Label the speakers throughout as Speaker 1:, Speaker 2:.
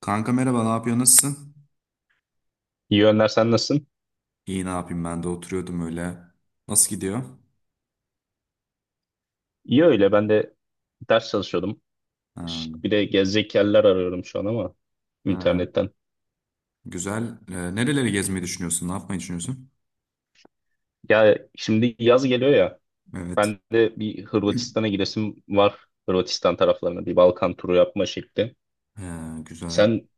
Speaker 1: Kanka merhaba, ne yapıyor, nasılsın?
Speaker 2: İyi Önder sen nasılsın?
Speaker 1: İyi, ne yapayım, ben de oturuyordum öyle. Nasıl gidiyor?
Speaker 2: İyi öyle ben de ders çalışıyordum.
Speaker 1: Ha.
Speaker 2: Şık bir de gezecek yerler arıyorum şu an ama
Speaker 1: Ha,
Speaker 2: internetten.
Speaker 1: güzel. Nereleri gezmeyi düşünüyorsun? Ne yapmayı düşünüyorsun?
Speaker 2: Ya şimdi yaz geliyor ya
Speaker 1: Evet.
Speaker 2: ben de bir Hırvatistan'a gidesim var. Hırvatistan taraflarına bir Balkan turu yapma şekli.
Speaker 1: Güzel.
Speaker 2: Sen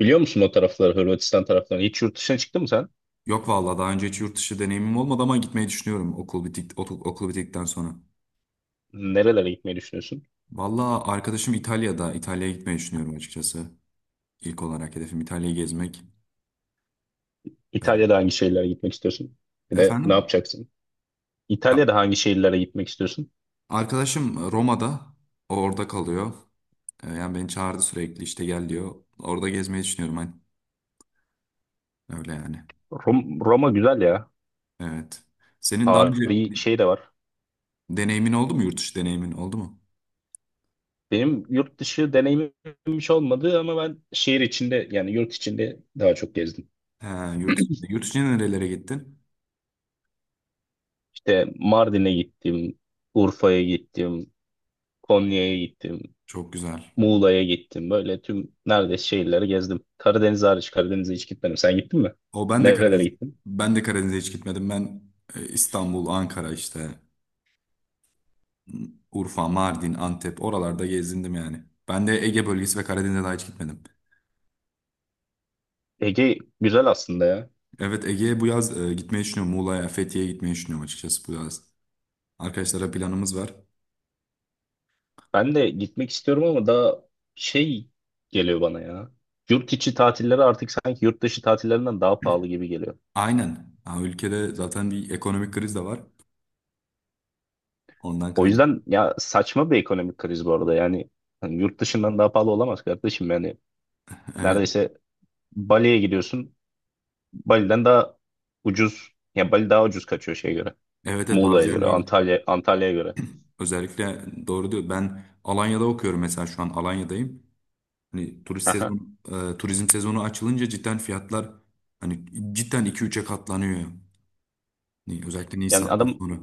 Speaker 2: biliyor musun o tarafları Hırvatistan taraflarını? Hiç yurt dışına çıktın mı sen?
Speaker 1: Yok vallahi, daha önce hiç yurt dışı deneyimim olmadı ama gitmeyi düşünüyorum okul okul bittikten sonra.
Speaker 2: Nerelere gitmeyi düşünüyorsun?
Speaker 1: Vallahi arkadaşım İtalya'da. İtalya'ya gitmeyi düşünüyorum açıkçası. İlk olarak hedefim İtalya'yı gezmek.
Speaker 2: İtalya'da hangi şehirlere gitmek istiyorsun? Bir de ne
Speaker 1: Efendim?
Speaker 2: yapacaksın?
Speaker 1: Ya,
Speaker 2: İtalya'da hangi şehirlere gitmek istiyorsun?
Speaker 1: arkadaşım Roma'da, orada kalıyor. Yani beni çağırdı, sürekli işte gel diyor. Orada gezmeyi düşünüyorum hani. Öyle yani.
Speaker 2: Roma güzel ya.
Speaker 1: Evet. Senin daha önce
Speaker 2: Tarihi şey de var.
Speaker 1: deneyimin oldu mu? Yurt dışı deneyimin oldu mu?
Speaker 2: Benim yurt dışı deneyimim hiç olmadı ama ben şehir içinde yani yurt içinde daha çok gezdim.
Speaker 1: He, yurt içine nerelere gittin?
Speaker 2: İşte Mardin'e gittim, Urfa'ya gittim, Konya'ya gittim,
Speaker 1: Çok güzel.
Speaker 2: Muğla'ya gittim. Böyle tüm neredeyse şehirleri gezdim. Karadeniz hariç Karadeniz'e hiç gitmedim. Sen gittin mi?
Speaker 1: O ben de
Speaker 2: Nerelere
Speaker 1: Karadeniz
Speaker 2: gittin?
Speaker 1: Ben de Karadeniz'e hiç gitmedim. Ben, İstanbul, Ankara, işte Urfa, Mardin, Antep, oralarda gezindim yani. Ben de Ege bölgesi ve Karadeniz'e daha hiç gitmedim.
Speaker 2: Ege güzel aslında ya.
Speaker 1: Evet, Ege'ye bu yaz gitmeyi düşünüyorum. Muğla'ya, Fethiye'ye gitmeyi düşünüyorum açıkçası bu yaz. Arkadaşlara planımız var.
Speaker 2: Ben de gitmek istiyorum ama daha şey geliyor bana ya. Yurt içi tatilleri artık sanki yurt dışı tatillerinden daha pahalı gibi geliyor.
Speaker 1: Aynen. Ha, ülkede zaten bir ekonomik kriz de var. Ondan
Speaker 2: O
Speaker 1: kaynak.
Speaker 2: yüzden ya saçma bir ekonomik kriz bu arada. Yani hani yurt dışından daha pahalı olamaz kardeşim. Yani
Speaker 1: Evet.
Speaker 2: neredeyse Bali'ye gidiyorsun. Bali'den daha ucuz. Ya Bali daha ucuz kaçıyor şeye göre.
Speaker 1: Evet, evet,
Speaker 2: Muğla'ya
Speaker 1: bazı
Speaker 2: göre,
Speaker 1: yerlerde
Speaker 2: Antalya'ya göre.
Speaker 1: özellikle doğru diyor. Ben Alanya'da okuyorum, mesela şu an Alanya'dayım. Hani
Speaker 2: Aha.
Speaker 1: turizm sezonu açılınca cidden fiyatlar, hani, cidden iki üçe katlanıyor. Hani özellikle
Speaker 2: Yani
Speaker 1: Nisan'dan
Speaker 2: adam
Speaker 1: sonra.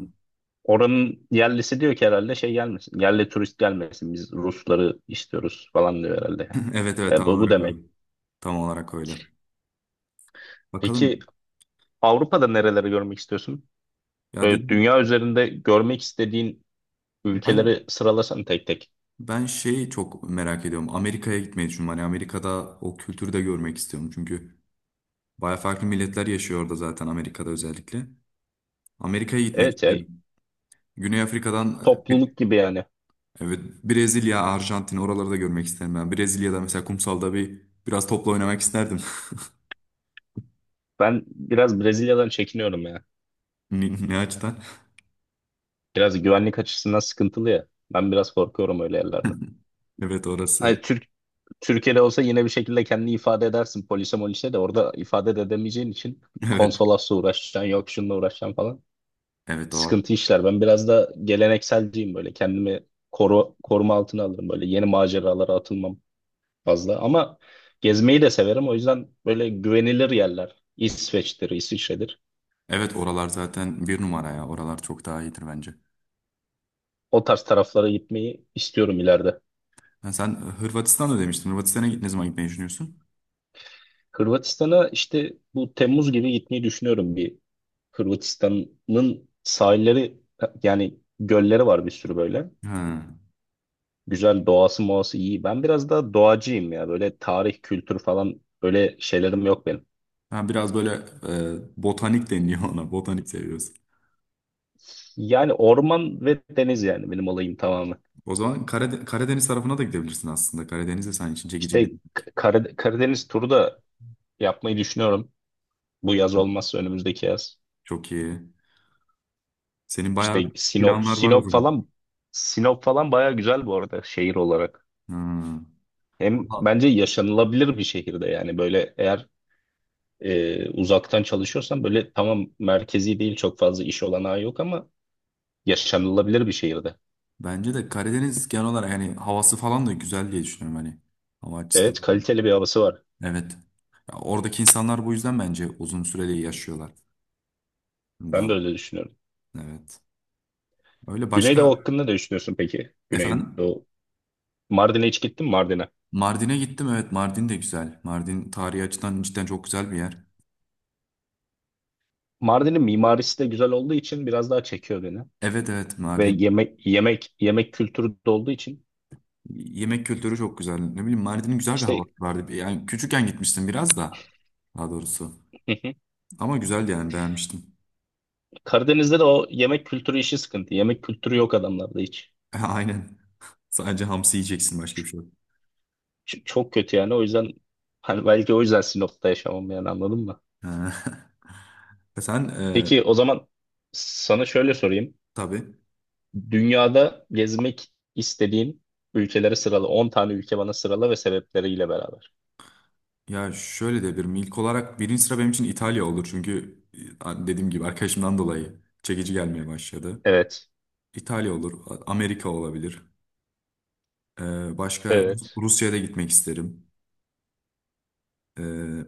Speaker 2: oranın yerlisi diyor ki herhalde şey gelmesin. Yerli turist gelmesin. Biz Rusları istiyoruz falan diyor herhalde.
Speaker 1: Evet, evet,
Speaker 2: E,
Speaker 1: tam
Speaker 2: bu
Speaker 1: olarak öyle.
Speaker 2: demek.
Speaker 1: Tam olarak öyle.
Speaker 2: Peki
Speaker 1: Bakalım.
Speaker 2: Avrupa'da nereleri görmek istiyorsun?
Speaker 1: Ya
Speaker 2: Böyle
Speaker 1: dedim,
Speaker 2: dünya üzerinde görmek istediğin
Speaker 1: ben
Speaker 2: ülkeleri sıralasan tek tek.
Speaker 1: ben şeyi çok merak ediyorum. Amerika'ya gitmeyi düşünüyorum. Hani Amerika'da o kültürü de görmek istiyorum. Çünkü baya farklı milletler yaşıyor orada, zaten Amerika'da özellikle. Amerika'ya gitmek
Speaker 2: Evet ya,
Speaker 1: isterim. Güney Afrika'dan, e, bir,
Speaker 2: topluluk gibi yani.
Speaker 1: evet, Brezilya, Arjantin, oraları da görmek isterim ben. Brezilya'da mesela kumsalda biraz topla oynamak isterdim.
Speaker 2: Ben biraz Brezilya'dan çekiniyorum ya.
Speaker 1: Ne açıdan?
Speaker 2: Biraz güvenlik açısından sıkıntılı ya. Ben biraz korkuyorum öyle yerlerden.
Speaker 1: Evet, orası.
Speaker 2: Hani Türkiye'de olsa yine bir şekilde kendini ifade edersin polise molise de orada ifade de edemeyeceğin için
Speaker 1: Evet.
Speaker 2: konsolosla uğraşacaksın yok şununla uğraşacaksın falan.
Speaker 1: Evet, o.
Speaker 2: Sıkıntı işler. Ben biraz da gelenekselciyim böyle. Kendimi koruma altına alırım böyle. Yeni maceralara atılmam fazla ama gezmeyi de severim. O yüzden böyle güvenilir yerler. İsveç'tir, İsviçre'dir.
Speaker 1: Evet, oralar zaten bir numara ya. Oralar çok daha iyidir bence.
Speaker 2: O tarz taraflara gitmeyi istiyorum ileride.
Speaker 1: Ha, sen Hırvatistan'da demiştin. Hırvatistan'a ne zaman gitmeyi düşünüyorsun?
Speaker 2: Hırvatistan'a işte bu Temmuz gibi gitmeyi düşünüyorum bir. Hırvatistan'ın sahilleri yani gölleri var bir sürü böyle.
Speaker 1: Ha.
Speaker 2: Güzel doğası moğası iyi. Ben biraz daha doğacıyım ya. Böyle tarih, kültür falan böyle şeylerim yok benim.
Speaker 1: Ha, biraz böyle botanik deniliyor ona. Botanik seviyorsun.
Speaker 2: Yani orman ve deniz yani benim olayım tamamen.
Speaker 1: O zaman Karadeniz tarafına da gidebilirsin aslında. Karadeniz de senin için çekici
Speaker 2: İşte
Speaker 1: gelir.
Speaker 2: Karadeniz turu da yapmayı düşünüyorum. Bu yaz olmazsa önümüzdeki yaz.
Speaker 1: Çok iyi. Senin bayağı
Speaker 2: İşte
Speaker 1: planlar var o zaman.
Speaker 2: Sinop falan baya güzel bu arada şehir olarak.
Speaker 1: Hmm.
Speaker 2: Hem
Speaker 1: Valla,
Speaker 2: bence yaşanılabilir bir şehirde yani böyle eğer uzaktan çalışıyorsan böyle tamam merkezi değil çok fazla iş olanağı yok ama yaşanılabilir bir şehirde.
Speaker 1: bence de Karadeniz genel olarak, yani havası falan da güzel diye düşünüyorum, hani. Hava
Speaker 2: Evet
Speaker 1: açısından da iyi.
Speaker 2: kaliteli bir havası var.
Speaker 1: Evet. Ya, oradaki insanlar bu yüzden bence uzun süreli yaşıyorlar.
Speaker 2: Ben de
Speaker 1: Daha,
Speaker 2: öyle düşünüyorum.
Speaker 1: evet. Öyle başka
Speaker 2: Güneydoğu hakkında ne düşünüyorsun peki?
Speaker 1: Efendim?
Speaker 2: Güneydoğu. Mardin'e hiç gittin mi Mardin'e?
Speaker 1: Mardin'e gittim, evet, Mardin de güzel. Mardin tarihi açıdan cidden çok güzel bir yer.
Speaker 2: Mardin'in mimarisi de güzel olduğu için biraz daha çekiyor beni.
Speaker 1: Evet, evet.
Speaker 2: Ve yemek kültürü de olduğu için
Speaker 1: Yemek kültürü çok güzel. Ne bileyim, Mardin'in güzel bir
Speaker 2: işte.
Speaker 1: havası vardı. Yani küçükken gitmiştim biraz da. Daha doğrusu. Ama güzeldi yani, beğenmiştim.
Speaker 2: Karadeniz'de de o yemek kültürü işi sıkıntı. Yemek kültürü yok adamlarda hiç.
Speaker 1: Aynen. Sadece hamsi yiyeceksin, başka bir şey yok.
Speaker 2: Çok kötü yani. O yüzden hani belki o yüzden Sinop'ta yaşamam yani anladın mı?
Speaker 1: Ha. Sen e,
Speaker 2: Peki o zaman sana şöyle sorayım.
Speaker 1: tabii.
Speaker 2: Dünyada gezmek istediğin ülkeleri sırala. 10 tane ülke bana sırala ve sebepleriyle beraber.
Speaker 1: Ya şöyle de bir, ilk olarak birinci sıra benim için İtalya olur. Çünkü dediğim gibi arkadaşımdan dolayı çekici gelmeye başladı.
Speaker 2: Evet.
Speaker 1: İtalya olur. Amerika olabilir. Başka,
Speaker 2: Evet.
Speaker 1: Rusya'ya da gitmek isterim. E,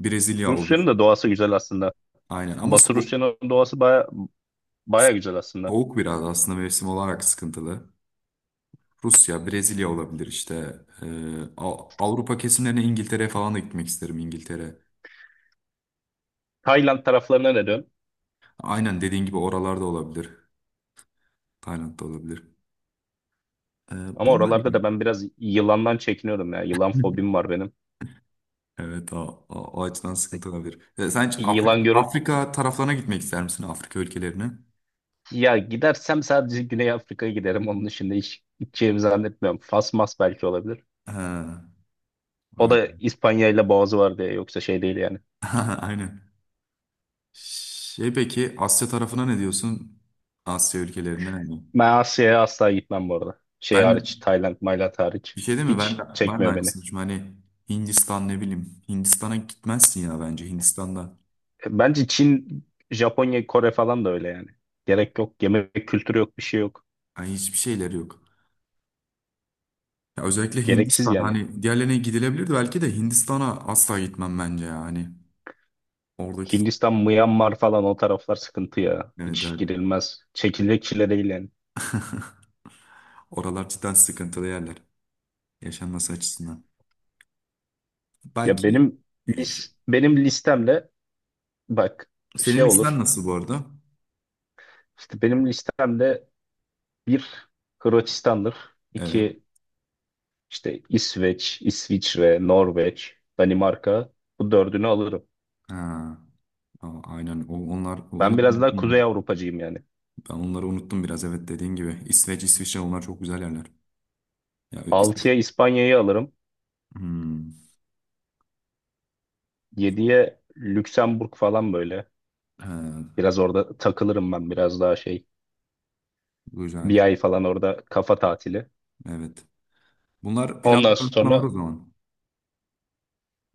Speaker 1: Brezilya olur.
Speaker 2: Rusya'nın da doğası güzel aslında.
Speaker 1: Aynen, ama
Speaker 2: Batı
Speaker 1: soğuk.
Speaker 2: Rusya'nın doğası baya, baya güzel aslında.
Speaker 1: Soğuk biraz aslında, mevsim olarak sıkıntılı. Rusya, Brezilya olabilir işte. Avrupa kesimlerine, İngiltere falan da gitmek isterim, İngiltere.
Speaker 2: Tayland taraflarına ne diyorsun?
Speaker 1: Aynen, dediğin gibi oralarda olabilir. Tayland'da olabilir.
Speaker 2: Ama
Speaker 1: Bunlar
Speaker 2: oralarda da
Speaker 1: gibi.
Speaker 2: ben biraz yılandan çekiniyorum ya. Yılan fobim var benim.
Speaker 1: Evet, o açıdan sıkıntı olabilir. Sen hiç Afrika,
Speaker 2: Yılan gör,
Speaker 1: Taraflarına gitmek ister misin? Afrika ülkelerine?
Speaker 2: ya gidersem sadece Güney Afrika'ya giderim. Onun dışında hiç gideceğimi zannetmiyorum. Fas mas belki olabilir.
Speaker 1: Ha,
Speaker 2: O
Speaker 1: öyle.
Speaker 2: da İspanya ile boğazı var diye yoksa şey değil yani.
Speaker 1: Aynen. Şey, peki Asya tarafına ne diyorsun? Asya ülkelerine ne?
Speaker 2: Ben Asya'ya asla gitmem bu arada. Şey
Speaker 1: Ben
Speaker 2: hariç, Tayland, Maylat hariç.
Speaker 1: Bir şey değil mi? Ben de,
Speaker 2: Hiç
Speaker 1: ben de
Speaker 2: çekmiyor beni.
Speaker 1: aynısını düşünüyorum. Hani Hindistan, ne bileyim. Hindistan'a gitmezsin ya bence, Hindistan'da.
Speaker 2: E, bence Çin, Japonya, Kore falan da öyle yani. Gerek yok. Yemek kültürü yok, bir şey yok.
Speaker 1: Yani hiçbir şeyleri yok. Ya özellikle
Speaker 2: Gereksiz
Speaker 1: Hindistan,
Speaker 2: yani.
Speaker 1: hani diğerlerine gidilebilirdi belki de, Hindistan'a asla gitmem bence ya. Hani oradaki
Speaker 2: Hindistan, Myanmar falan o taraflar sıkıntı ya.
Speaker 1: Evet,
Speaker 2: Hiç
Speaker 1: evet.
Speaker 2: girilmez. Çekilecek çile değil yani.
Speaker 1: Oralar cidden sıkıntılı yerler yaşanması açısından.
Speaker 2: Ya
Speaker 1: Belki
Speaker 2: benim lis benim listemle bak şey
Speaker 1: Senin listen
Speaker 2: olur.
Speaker 1: nasıl bu arada?
Speaker 2: İşte benim listemde bir, Hırvatistan'dır.
Speaker 1: Evet.
Speaker 2: İki işte İsveç, İsviçre, Norveç, Danimarka, bu dördünü alırım.
Speaker 1: Ha, aynen.
Speaker 2: Ben
Speaker 1: Onları
Speaker 2: biraz daha Kuzey
Speaker 1: unuttum.
Speaker 2: Avrupacıyım yani.
Speaker 1: Ben onları unuttum biraz. Evet, dediğin gibi. İsveç, İsviçre, onlar çok güzel yerler. Ya, İs-
Speaker 2: Altıya İspanya'yı alırım.
Speaker 1: Hmm.
Speaker 2: Yediye Lüksemburg falan böyle.
Speaker 1: Ha,
Speaker 2: Biraz orada takılırım ben biraz daha şey. Bir
Speaker 1: güzel.
Speaker 2: ay falan orada kafa tatili.
Speaker 1: Evet. Bunlar
Speaker 2: Ondan
Speaker 1: planlar arasında var o
Speaker 2: sonra
Speaker 1: zaman.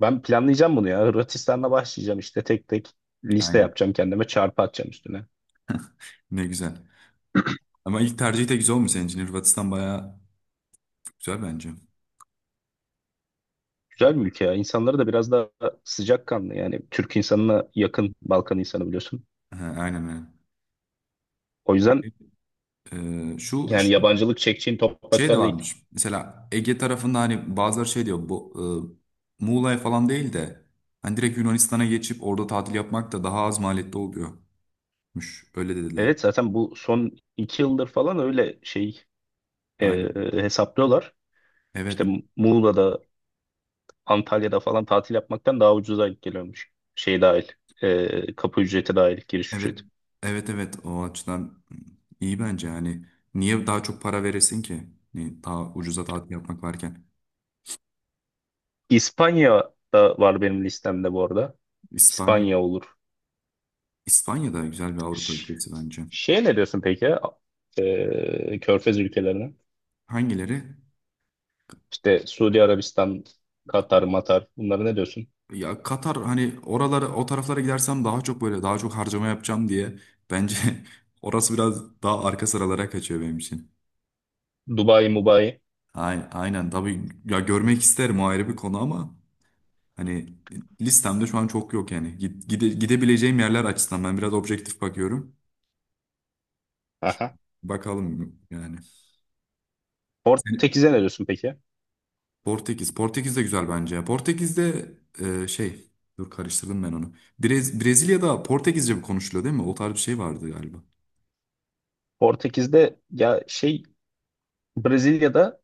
Speaker 2: ben planlayacağım bunu ya. Hırvatistan'la başlayacağım işte tek tek liste
Speaker 1: Aynen.
Speaker 2: yapacağım kendime çarpı atacağım üstüne.
Speaker 1: Ne güzel. Ama ilk tercih de güzel olmuş senin için. Hırvatistan bayağı güzel bence.
Speaker 2: Güzel bir ülke ya. İnsanları da biraz daha sıcakkanlı. Yani Türk insanına yakın Balkan insanı biliyorsun.
Speaker 1: Ha, aynen, aynen.
Speaker 2: O yüzden
Speaker 1: Ee, şu
Speaker 2: yani
Speaker 1: şey,
Speaker 2: yabancılık çekeceğin
Speaker 1: Şey de
Speaker 2: topraklar değil.
Speaker 1: varmış. Mesela Ege tarafında hani bazıları şey diyor, bu, Muğla'ya falan değil de hani direkt Yunanistan'a geçip orada tatil yapmak da daha az maliyetli oluyormuş. Öyle dediler.
Speaker 2: Evet zaten bu son 2 yıldır falan öyle şey
Speaker 1: Aynen.
Speaker 2: hesaplıyorlar. İşte
Speaker 1: Evet.
Speaker 2: Muğla'da, Antalya'da falan tatil yapmaktan daha ucuza denk geliyormuş. Şey dahil, kapı ücreti dahil, giriş
Speaker 1: Evet,
Speaker 2: ücreti.
Speaker 1: evet, evet. O açıdan iyi bence. Yani niye daha çok para veresin ki? Yani daha ucuza tatil yapmak varken.
Speaker 2: İspanya da var benim listemde bu arada.
Speaker 1: İspanya.
Speaker 2: İspanya olur.
Speaker 1: İspanya da güzel bir Avrupa
Speaker 2: Ş-
Speaker 1: ülkesi bence.
Speaker 2: Şey ne diyorsun peki ya? E, Körfez ülkelerine.
Speaker 1: Hangileri?
Speaker 2: İşte Suudi Arabistan, Katar, Matar, bunlara ne diyorsun?
Speaker 1: Ya, Katar, hani oralara, o taraflara gidersem daha çok harcama yapacağım diye bence orası biraz daha arka sıralara kaçıyor benim için.
Speaker 2: Dubai, Mubai.
Speaker 1: Aynen, aynen, tabii ya, görmek isterim, o ayrı bir konu, ama hani listemde şu an çok yok yani. Gidebileceğim yerler açısından ben biraz objektif bakıyorum.
Speaker 2: Aha.
Speaker 1: Bakalım yani. Seni-
Speaker 2: Portekiz'e ne diyorsun peki?
Speaker 1: Portekiz. Portekiz de güzel bence ya. Portekiz'de, şey, dur, karıştırdım ben onu. Brezilya'da Portekizce mi konuşuluyor, değil mi? O tarz bir şey vardı galiba.
Speaker 2: Portekiz'de ya şey, Brezilya'da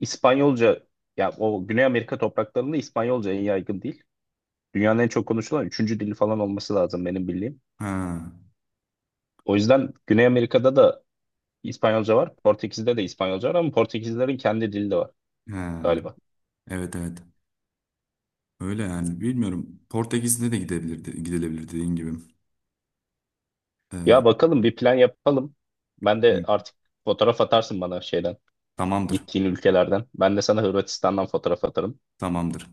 Speaker 2: İspanyolca, ya o Güney Amerika topraklarında İspanyolca en yaygın değil. Dünyanın en çok konuşulan üçüncü dili falan olması lazım benim bildiğim.
Speaker 1: Ha.
Speaker 2: O yüzden Güney Amerika'da da İspanyolca var. Portekiz'de de İspanyolca var ama Portekizlerin kendi dili de var
Speaker 1: Ha.
Speaker 2: galiba.
Speaker 1: Evet, evet. Öyle yani, bilmiyorum. Portekiz'de de gidilebilir, dediğin gibi. E,
Speaker 2: Ya bakalım bir plan yapalım. Ben
Speaker 1: hı.
Speaker 2: de artık fotoğraf atarsın bana şeyden,
Speaker 1: Tamamdır.
Speaker 2: gittiğin ülkelerden. Ben de sana Hırvatistan'dan fotoğraf atarım.
Speaker 1: Tamamdır.